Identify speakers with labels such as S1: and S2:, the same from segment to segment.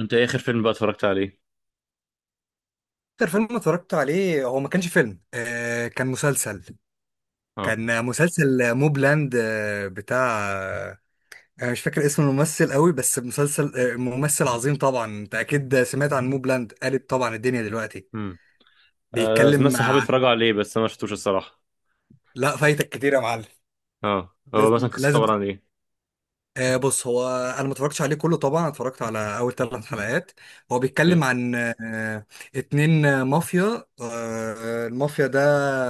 S1: انت ايه اخر فيلم بقى اتفرجت عليه؟
S2: اكتر فيلم اتفرجت عليه هو ما كانش فيلم كان مسلسل.
S1: اه.
S2: كان مسلسل موبلاند، بتاع، انا مش فاكر اسم الممثل قوي، بس مسلسل ممثل عظيم. طبعا انت اكيد سمعت عن موبلاند، قالب طبعا الدنيا دلوقتي.
S1: امم. آه، ناس
S2: بيتكلم
S1: صحابي
S2: عن،
S1: اتفرجوا عليه بس انا ما شفتوش الصراحه.
S2: لا فايتك كتير يا معلم.
S1: اه، هو مثلا
S2: لازم
S1: قصته
S2: لازم.
S1: عباره عن ايه؟
S2: بص هو، انا ما اتفرجتش عليه كله طبعا، اتفرجت على اول ثلاث حلقات. هو
S1: اوكي.
S2: بيتكلم عن اتنين مافيا، المافيا ده.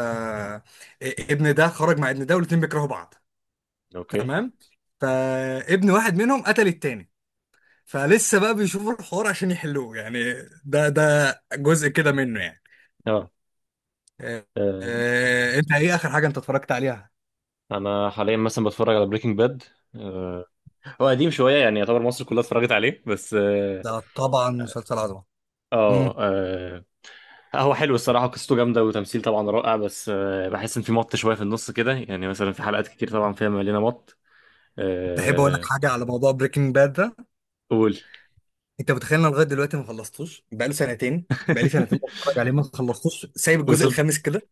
S2: آه ابن ده خرج مع ابن ده والاتنين بيكرهوا بعض.
S1: اوكي.
S2: تمام. فابن واحد منهم قتل التاني، فلسه بقى بيشوفوا الحوار عشان يحلوه يعني. ده جزء كده منه يعني.
S1: اه.
S2: آه
S1: آه،
S2: انت ايه اخر حاجة انت اتفرجت عليها؟
S1: انا حاليا مثلا بتفرج على بريكنج باد. آه هو قديم شويه يعني يعتبر مصر كلها اتفرجت عليه بس اه.
S2: ده طبعا مسلسل عظمة.
S1: اه،
S2: مم.
S1: هو حلو الصراحه، قصته جامده وتمثيل طبعا رائع، بس بحس ان في مط شويه في النص كده، يعني مثلا في حلقات كتير طبعا فيها مليانه مط.
S2: تحب اقول لك
S1: آه.
S2: حاجة على موضوع بريكنج باد ده؟
S1: قول.
S2: انت متخيل انا لغايه دلوقتي ما خلصتوش؟ بقاله سنتين. بقالي سنتين بتفرج عليه، ما خلصتوش، سايب الجزء
S1: وصلت.
S2: الخامس كده.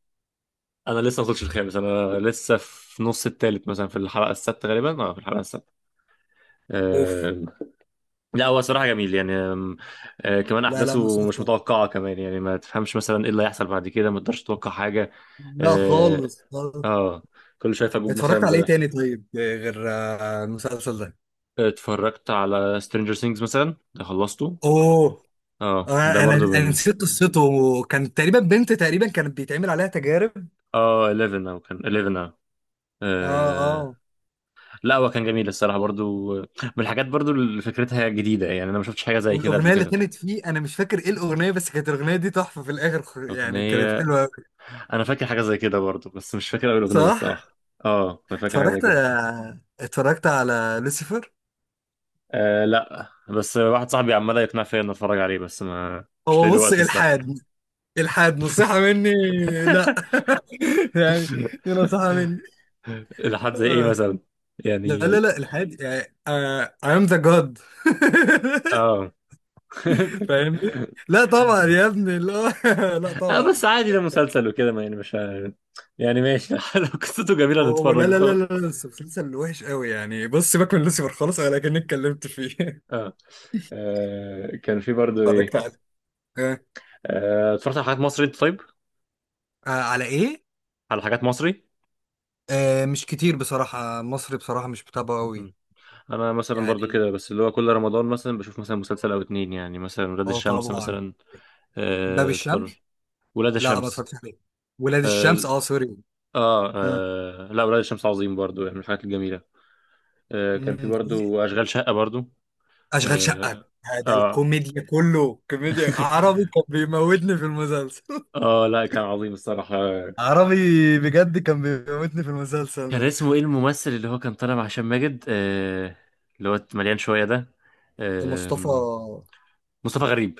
S1: انا لسه ما وصلتش الخامس، انا لسه في نص التالت، مثلا في الحلقه السادسه غالبا، اه في الحلقه السادسه.
S2: اوف.
S1: آه، لا هو صراحه جميل يعني. آم، آه، كمان
S2: لا لا
S1: احداثه مش
S2: مسافه.
S1: متوقعه كمان، يعني ما تفهمش مثلا ايه اللي هيحصل بعد كده، ما تقدرش تتوقع حاجه.
S2: لا
S1: اه،
S2: خالص خالص.
S1: آه، كل شويه فجوج
S2: اتفرجت
S1: مثلا
S2: على ايه تاني طيب، غير المسلسل ده؟
S1: اتفرجت على سترينجر ثينجز مثلا، ده خلصته.
S2: اوه.
S1: اه، ده
S2: انا انا
S1: برضو
S2: انا
S1: من
S2: نسيت قصته، وكان تقريبا بنت تقريبا كانت بيتعمل عليها تجارب.
S1: اه 11 او كان 11 اه.
S2: اه.
S1: آه،
S2: اه.
S1: لا هو كان جميل الصراحه، برضو من الحاجات برضو اللي فكرتها جديده يعني، انا ما شفتش حاجه زي كده قبل
S2: والاغنيه اللي
S1: كده.
S2: كانت فيه انا مش فاكر ايه الاغنيه، بس كانت الاغنيه دي تحفه في الاخر، يعني كانت
S1: اغنيه،
S2: حلوه قوي.
S1: انا فاكر حاجه زي كده برضه بس مش فاكر اول اغنيه
S2: صح.
S1: الصراحه. اه انا فاكر حاجه زي
S2: اتفرجت
S1: كده.
S2: اتفرجت على لوسيفر.
S1: لا، بس واحد صاحبي عمال يقنع فيا اني اتفرج عليه، بس ما مش لاقي
S2: هو
S1: له
S2: بص
S1: وقت الصراحه.
S2: الحاد. الحاد نصيحة مني. لا. يعني، دي نصيحة مني.
S1: لحد زي ايه
S2: آه.
S1: مثلا؟
S2: لا
S1: يعني.
S2: لا لا الحاد يعني آه I am the god.
S1: اه.
S2: فاهمني؟ لا طبعا يا ابني، لا، لا
S1: اه بس
S2: طبعا.
S1: عادي ده مسلسل وكده، ما يعني مش يعني ماشي، لو قصته جميله
S2: هو لا
S1: نتفرج
S2: لا لا
S1: وخلاص.
S2: لا لا، بس مسلسل وحش قوي يعني. بص سيبك من لوسيفر خالص، انا كأني اتكلمت فيه.
S1: اه، كان في برضه
S2: اتفرجت
S1: ايه،
S2: عليه. آه.
S1: اتفرجت على حاجات مصري انت طيب؟
S2: آه على ايه؟
S1: على حاجات مصري.
S2: آه مش كتير بصراحة، مصري بصراحة مش بتابعه قوي.
S1: انا مثلا برضو
S2: يعني
S1: كده، بس اللي هو كل رمضان مثلا بشوف مثلا مسلسل او اتنين، يعني مثلا ولاد
S2: اه
S1: الشمس
S2: طبعا.
S1: مثلا.
S2: باب
S1: اتفرج.
S2: الشمس.
S1: ولاد
S2: لا ما
S1: الشمس.
S2: اتفرجتش عليه. ولاد
S1: اه،
S2: الشمس، اه سوري. آه.
S1: لا، ولاد الشمس عظيم برضو يعني، من الحاجات الجميلة. كان في
S2: مم.
S1: برضو اشغال شقة برضو.
S2: اشغال شقه.
S1: اه،
S2: ده
S1: آه.
S2: الكوميديا، كله كوميديا عربي كان بيموتني في المسلسل.
S1: اه لا كان عظيم الصراحة.
S2: عربي، بجد كان بيموتني في المسلسل
S1: كان
S2: ده.
S1: اسمه ايه الممثل اللي هو كان طالع مع هشام ماجد، اللي هو مليان شوية ده؟
S2: مصطفى.
S1: آه. مصطفى غريب.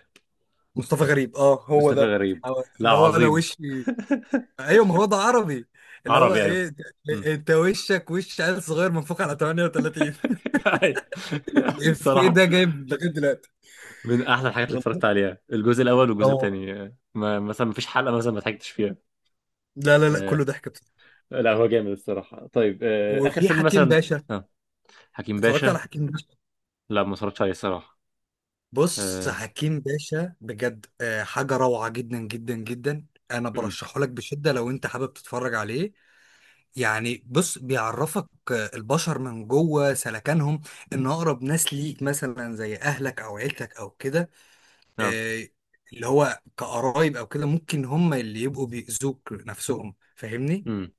S2: مصطفى غريب، اه هو
S1: مصطفى
S2: ده.
S1: غريب. لا
S2: اللي هو انا
S1: عظيم.
S2: وشي. ايوه، ما هو ده عربي. اللي هو
S1: عربي يعني.
S2: ايه، انت وشك وش عيل صغير منفوخ على 38.
S1: أي.
S2: الإفيه
S1: الصراحة
S2: ده جايب لغايه دلوقتي.
S1: من أحسن الحاجات اللي
S2: والله.
S1: اتفرجت عليها، الجزء الأول والجزء
S2: اه.
S1: الثاني. ما مثلا ما فيش حلقة مثلا ما ضحكتش فيها.
S2: لا لا لا،
S1: آه.
S2: كله ضحك بصراحة.
S1: لا هو جامد الصراحة. طيب آخر
S2: وفي
S1: فيلم
S2: حكيم
S1: مثلا؟
S2: باشا.
S1: آه. حكيم
S2: اتفرجت على
S1: باشا.
S2: حكيم باشا؟
S1: لا ما اتفرجتش عليه الصراحة.
S2: بص
S1: آه.
S2: حكيم باشا بجد، حاجة روعة جدا جدا جدا. أنا
S1: أمم.
S2: برشحه لك بشدة لو أنت حابب تتفرج عليه. يعني بص، بيعرفك البشر من جوه سلكانهم. إن أقرب ناس ليك مثلا زي أهلك أو عيلتك أو كده،
S1: آه.
S2: آه، اللي هو كقرايب أو كده، ممكن هم اللي يبقوا بيأذوك نفسهم. فاهمني؟
S1: أمم.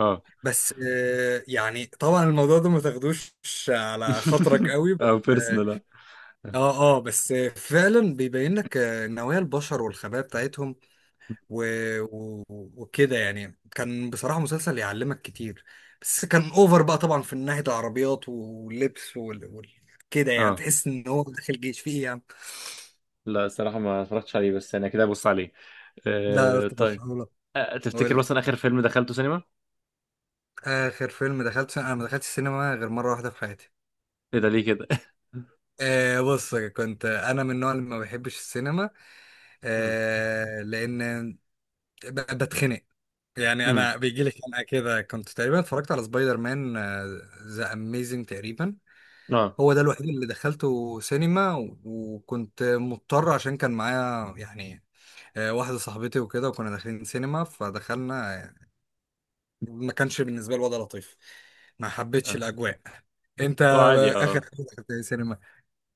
S1: آه.
S2: بس يعني طبعا الموضوع ده ما تاخدوش على خاطرك قوي، بس
S1: أو بيرسونال. آه.
S2: اه. اه بس فعلا بيبين لك نوايا البشر والخبايا بتاعتهم و... و... وكده يعني. كان بصراحة مسلسل يعلمك كتير، بس كان اوفر بقى طبعا في ناحية العربيات واللبس كده يعني،
S1: آه.
S2: تحس ان هو داخل جيش فيه يعني.
S1: لا الصراحة ما اتفرجتش عليه، بس أنا كده أبص عليه.
S2: لا لا
S1: طيب
S2: ترشحه لك. قول
S1: تفتكر
S2: لي.
S1: مثلا آخر فيلم دخلته سينما؟
S2: اخر فيلم دخلت، انا ما دخلتش السينما غير مرة واحدة في حياتي.
S1: إيه ده ليه كده؟
S2: بص، كنت انا من النوع اللي ما بحبش السينما،
S1: أمم.
S2: لان بتخنق، يعني
S1: أمم.
S2: انا بيجي لي خناقه كده. كنت تقريبا اتفرجت على سبايدر مان ذا اميزنج تقريبا.
S1: آه.
S2: هو ده الوحيد اللي دخلته سينما وكنت مضطر عشان كان معايا يعني، واحده صاحبتي وكده، وكنا داخلين سينما فدخلنا، ما كانش بالنسبه لي الوضع لطيف، ما حبيتش
S1: آه.
S2: الاجواء. انت
S1: هو عادي
S2: اخر
S1: اه.
S2: حاجه دخلت إيه سينما؟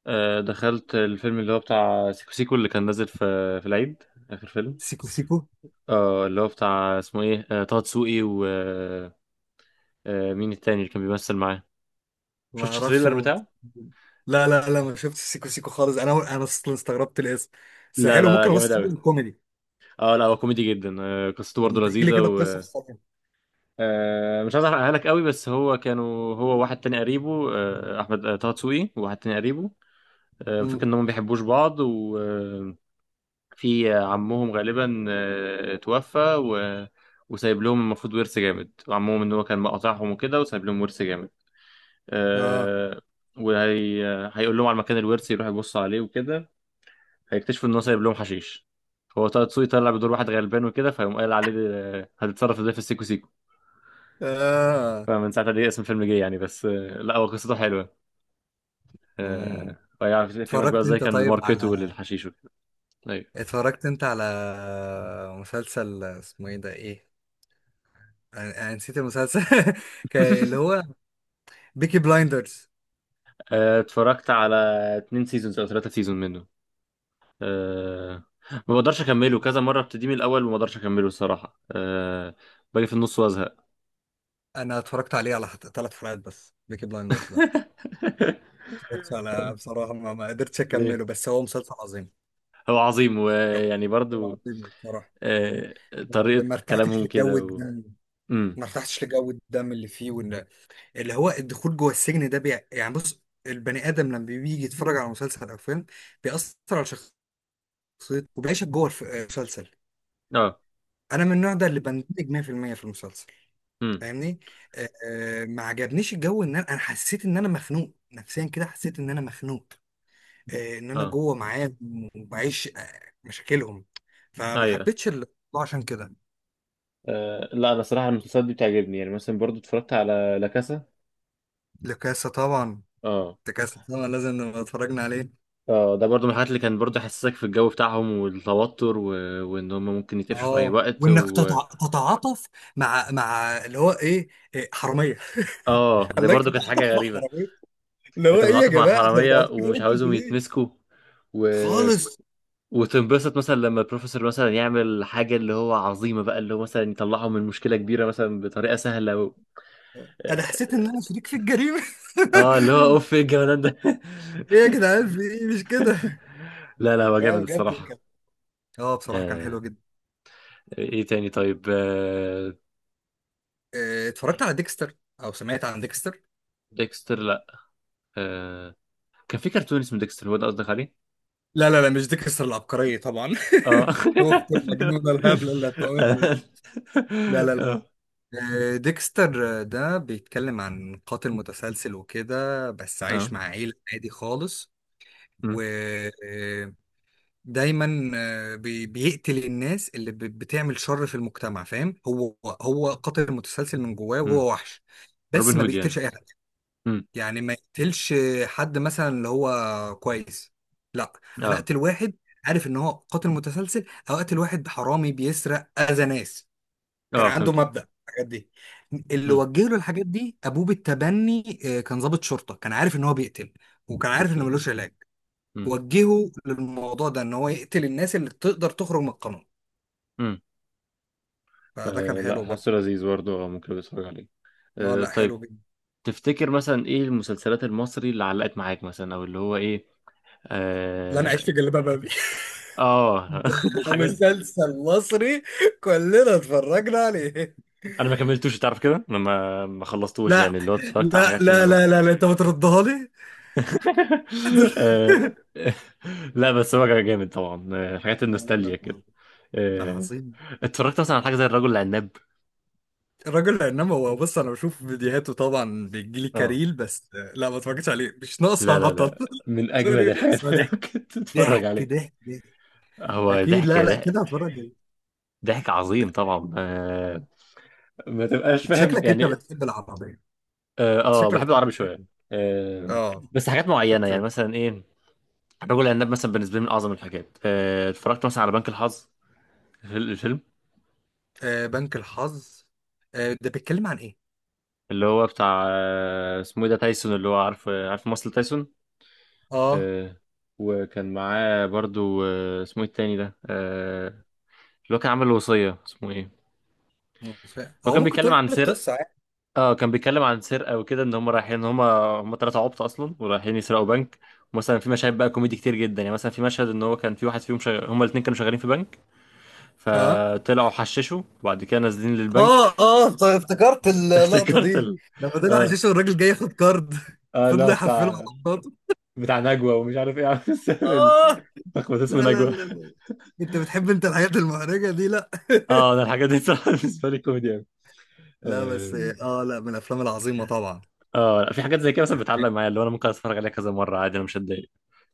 S1: دخلت الفيلم اللي هو بتاع سيكو سيكو اللي كان نازل في في العيد. آخر فيلم.
S2: سيكو سيكو.
S1: اه اللي هو بتاع، اسمه ايه طه دسوقي و مين التاني اللي كان بيمثل معاه؟
S2: ما
S1: شفتش
S2: اعرفش
S1: التريلر بتاعه؟
S2: لا لا لا ما شفتش سيكو سيكو خالص، انا اصلا استغربت الاسم، بس
S1: لا لا
S2: حلو
S1: لا
S2: ممكن ابص
S1: جامد قوي.
S2: عليه كوميدي.
S1: اه لا هو كوميدي جدا. قصته
S2: طب
S1: برضه
S2: ما تحكي لي
S1: لذيذة
S2: كده قصه.
S1: و مش عايز احرقها لك قوي، بس هو كانوا هو واحد تاني قريبه احمد طه دسوقي، وواحد تاني قريبه. فاكر
S2: مم.
S1: انهم ما بيحبوش بعض، في عمهم غالبا توفى و... وسايب لهم المفروض ورث جامد، وعمهم ان هو كان مقاطعهم وكده وسايب لهم ورث جامد.
S2: اه
S1: آه، وهي هيقول لهم على مكان الورث، يروح يبص عليه وكده هيكتشفوا ان هو سايب لهم حشيش. فهو طه دسوقي طلع بدور واحد غلبان وكده، فيقوم قايل عليه هتتصرف ازاي في السيكو سيكو.
S2: اه.
S1: فمن ساعتها دي اسم الفيلم جه يعني. بس آه، لا هو قصته حلوه.
S2: مم.
S1: ويعرف يفهمك بقى
S2: اتفرجت
S1: ازاي
S2: انت
S1: كانوا
S2: طيب على،
S1: بيماركتوا للحشيش وكده. أيوة.
S2: اتفرجت انت على مسلسل اسمه ايه ده ايه، انا نسيت المسلسل. اللي هو بيكي بلايندرز.
S1: اتفرجت على اتنين سيزونز او ثلاثة سيزون منه. أه. ما بقدرش اكمله، كذا مره ابتدي من الاول وما بقدرش اكمله الصراحه. أه باجي في النص وازهق.
S2: انا اتفرجت عليه على ثلاث حلقات بس بيكي بلايندرز ده. اتفرجت على بصراحة ما قدرتش
S1: ليه؟
S2: اكمله، بس هو مسلسل عظيم.
S1: هو عظيم ويعني
S2: هو
S1: برضو
S2: عظيم بصراحة.
S1: أه طريقه
S2: ما ارتحتش
S1: كلامهم
S2: لجو
S1: كده و...
S2: الدم.
S1: امم.
S2: ما ارتحتش لجو الدم اللي فيه، وان اللي هو الدخول جوه السجن ده يعني بص، البني ادم لما بيجي يتفرج على مسلسل او فيلم بيأثر على شخصيته، وبيعيشك جوه المسلسل.
S1: اه.
S2: انا من النوع ده اللي بندمج 100% في المية في المسلسل.
S1: امم.
S2: فاهمني؟ ما عجبنيش الجو. ان انا حسيت ان انا مخنوق نفسيا كده، حسيت ان انا مخنوق، ان انا
S1: اه.
S2: جوه معاهم وبعيش مشاكلهم، فما
S1: ايوه.
S2: حبيتش الموضوع. عشان كده.
S1: أه لا انا صراحه المسلسلات دي بتعجبني، يعني مثلا برضو اتفرجت على لا كاسا.
S2: لكاسة طبعا.
S1: اه.
S2: لكاسة طبعا لازم نبقى اتفرجنا عليه.
S1: اه ده برضو من الحاجات اللي كان برضو يحسسك في الجو بتاعهم والتوتر و... وان هم ممكن يتقفشوا في اي
S2: اه،
S1: وقت
S2: وانك
S1: و...
S2: تتعاطف مع اللي هو ايه، إيه حراميه.
S1: اه ده
S2: خلاك
S1: برضو كانت حاجه
S2: تتعاطف مع
S1: غريبه.
S2: حراميه. اللي هو
S1: انت
S2: ايه يا
S1: متعاطف مع
S2: جماعه، احنا
S1: الحراميه
S2: متعاطفين كده
S1: ومش
S2: انتوا
S1: عاوزهم
S2: ليه؟
S1: يتمسكوا و...
S2: خالص.
S1: وتنبسط مثلا لما البروفيسور مثلا يعمل حاجه اللي هو عظيمه بقى، اللي هو مثلا يطلعهم من مشكله كبيره مثلا بطريقه سهله و...
S2: انا حسيت ان انا
S1: اه،
S2: شريك في الجريمه.
S1: اللي هو اوف، ايه الجمدان ده.
S2: ايه يا جدعان في ايه مش كده.
S1: لا لا هو جامد
S2: لا بجد
S1: الصراحه.
S2: كان، اه بصراحه كان
S1: آه.
S2: حلو جدا.
S1: ايه تاني طيب آه؟
S2: إيه، اتفرجت على ديكستر او سمعت عن ديكستر؟
S1: ديكستر؟ لا. آه. كان في كرتون اسمه ديكستر، هو ده قصدك عليه؟
S2: لا لا لا مش ديكستر العبقرية طبعا.
S1: اه.
S2: اخت المجنونة الهبلة اللي هتموتنا دي. لا لا لا.
S1: اه.
S2: ديكستر ده بيتكلم عن قاتل متسلسل وكده، بس عايش
S1: اه.
S2: مع عيلة عادي خالص،
S1: مم.
S2: ودايما بيقتل الناس اللي بتعمل شر في المجتمع. فاهم هو؟ هو قاتل متسلسل من جواه
S1: مم.
S2: وهو وحش، بس
S1: روبن
S2: ما
S1: هود يعني.
S2: بيقتلش اي حد. يعني ما يقتلش حد مثلا اللي هو كويس. لا انا
S1: اه.
S2: اقتل واحد عارف ان هو قاتل متسلسل، او اقتل واحد حرامي بيسرق اذى ناس. كان
S1: اه
S2: عنده
S1: فهمتك.
S2: مبدأ الحاجات دي. اللي
S1: امم.
S2: وجه له الحاجات دي ابوه بالتبني، كان ضابط شرطة، كان عارف ان هو بيقتل وكان عارف ان
S1: اوكي.
S2: ملوش علاج.
S1: امم.
S2: وجهه للموضوع ده ان هو يقتل الناس اللي تقدر تخرج من القانون.
S1: امم.
S2: فده كان
S1: آه لا
S2: حلو برضه.
S1: حاسه لذيذ برضه، اه ممكن اتفرج عليه.
S2: اه
S1: آه
S2: لا حلو
S1: طيب،
S2: جدا.
S1: تفتكر مثلا ايه المسلسلات المصري اللي علقت معاك مثلا او اللي هو ايه؟
S2: لا انا عايش في
S1: اه،
S2: جلباب ابي.
S1: آه.
S2: ده
S1: الحاجات،
S2: مسلسل مصري كلنا اتفرجنا عليه.
S1: انا ما كملتوش تعرف كده، انا ما خلصتوش
S2: لا
S1: يعني، اللي هو اتفرجت على
S2: لا
S1: حاجات في
S2: لا لا
S1: النص.
S2: لا، لا. انت بتردها لي.
S1: آه لا بس هو كان جامد طبعا، حاجات
S2: لا لا
S1: النوستالجيا
S2: لا
S1: كده.
S2: ده
S1: آه.
S2: عظيم.
S1: اتفرجت مثلا على حاجه زي الرجل العناب؟
S2: الراجل عناب، هو بص انا بشوف فيديوهاته طبعا، بيجيلي
S1: اه
S2: كاريل بس. لا ما اتفرجتش عليه، مش
S1: لا
S2: ناقصه
S1: لا
S2: هطل.
S1: لا من أجمد
S2: سوري بس هو
S1: الحاجات اللي
S2: ضحك
S1: ممكن تتفرج
S2: ضحك
S1: عليها.
S2: ضحك ضحك.
S1: هو
S2: اكيد،
S1: ضحك
S2: لا لا
S1: ضحك
S2: كده هتفرج عليه.
S1: ضحك عظيم طبعا. ما تبقاش
S2: انت
S1: فاهم
S2: شكلك انت
S1: يعني.
S2: بتحب العربيه.
S1: آه،
S2: انت
S1: آه
S2: شكلك
S1: بحب
S2: بتحب
S1: العربي شوية.
S2: العربية.
S1: آه
S2: اه.
S1: بس حاجات معينة.
S2: خدت
S1: يعني
S2: بالي.
S1: مثلا ايه؟ الرجل العناب مثلا بالنسبة لي من أعظم الحاجات. اتفرجت مثلا على بنك الحظ، الفيلم.
S2: آه بنك الحظ. آه ده بيتكلم عن ايه؟
S1: اللي هو بتاع اسمه ايه ده، تايسون، اللي هو عارف عارف ممثل تايسون.
S2: اه
S1: آه، وكان معاه برضو اسمه ايه التاني ده اللي هو كان عامل الوصية اسمه ايه.
S2: مش فاهم،
S1: هو
S2: هو
S1: كان
S2: ممكن
S1: بيتكلم
S2: تقول
S1: عن
S2: لي
S1: سر،
S2: القصه عادي.
S1: اه كان بيتكلم عن سرقه وكده، ان هم رايحين، ان هم هم ثلاثه عبط اصلا ورايحين يسرقوا بنك. مثلا في مشاهد بقى كوميدي كتير جدا، يعني مثلا في مشهد ان هو كان في واحد فيهم هم الاثنين كانوا شغالين في بنك،
S2: اه
S1: فطلعوا حششوا وبعد كده نازلين للبنك.
S2: اه اه طيب افتكرت اللقطه
S1: افتكرت
S2: دي،
S1: ال...
S2: لما طلع
S1: اه
S2: حشيش والراجل جاي ياخد كارد.
S1: اه
S2: فضل
S1: لا
S2: يحفله
S1: بتاع،
S2: على
S1: بتاع نجوى ومش عارف ايه، عامل سامي،
S2: الكارد.
S1: لخبط
S2: لا
S1: اسمه
S2: لا
S1: نجوى.
S2: لا لا. انت بتحب انت الحاجات المحرجة دي، لا.
S1: اه انا الحاجات دي صراحه بالنسبه لي كوميدي قوي.
S2: لا
S1: اه،
S2: بس اه لا من الافلام العظيمة طبعا.
S1: لا في حاجات زي كده مثلا بتعلق معايا، اللي هو انا ممكن اتفرج عليها كذا مره عادي انا مش هتضايق.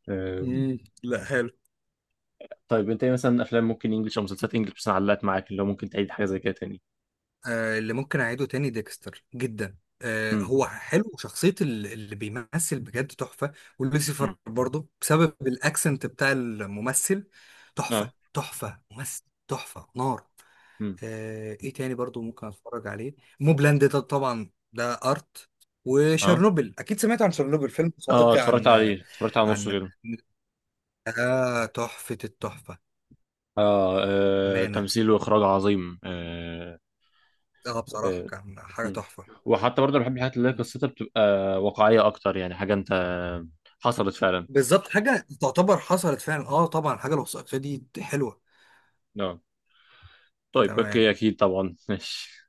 S1: آه،
S2: مم. لا حلو.
S1: طيب انت ايه مثلا افلام ممكن انجلش او مسلسلات انجلش مثلا علقت معاك، اللي هو ممكن تعيد حاجه زي كده تاني؟
S2: آه، اللي ممكن اعيده تاني ديكستر جدا. آه
S1: امم.
S2: هو حلو، وشخصية اللي بيمثل بجد تحفة.
S1: امم.
S2: ولوسيفر برضه بسبب الاكسنت بتاع الممثل، تحفة
S1: اه.
S2: تحفة، ممثل تحفة نار.
S1: امم.
S2: آه ايه تاني برضه ممكن اتفرج عليه؟ موبلاند ده طبعا ده ارت.
S1: اه.
S2: وشرنوبل، اكيد سمعت عن شرنوبل، فيلم
S1: اه
S2: وثائقي
S1: اتفرجت عليه، اتفرجت على نصه
S2: عن،
S1: كده.
S2: ده تحفة التحفة.
S1: آه، اه
S2: أمانة.
S1: تمثيل واخراج عظيم. آه،
S2: اه بصراحة
S1: آه.
S2: كان حاجة
S1: مم.
S2: تحفة.
S1: وحتى برضه بحب الحاجات اللي هي قصتها بتبقى واقعيه اكتر، يعني حاجه انت حصلت فعلا.
S2: بالظبط حاجة تعتبر حصلت فعلا. اه طبعا الحاجة الوثائقية دي حلوة.
S1: اه طيب
S2: تمام.
S1: اوكي، اكيد طبعا. ماشي.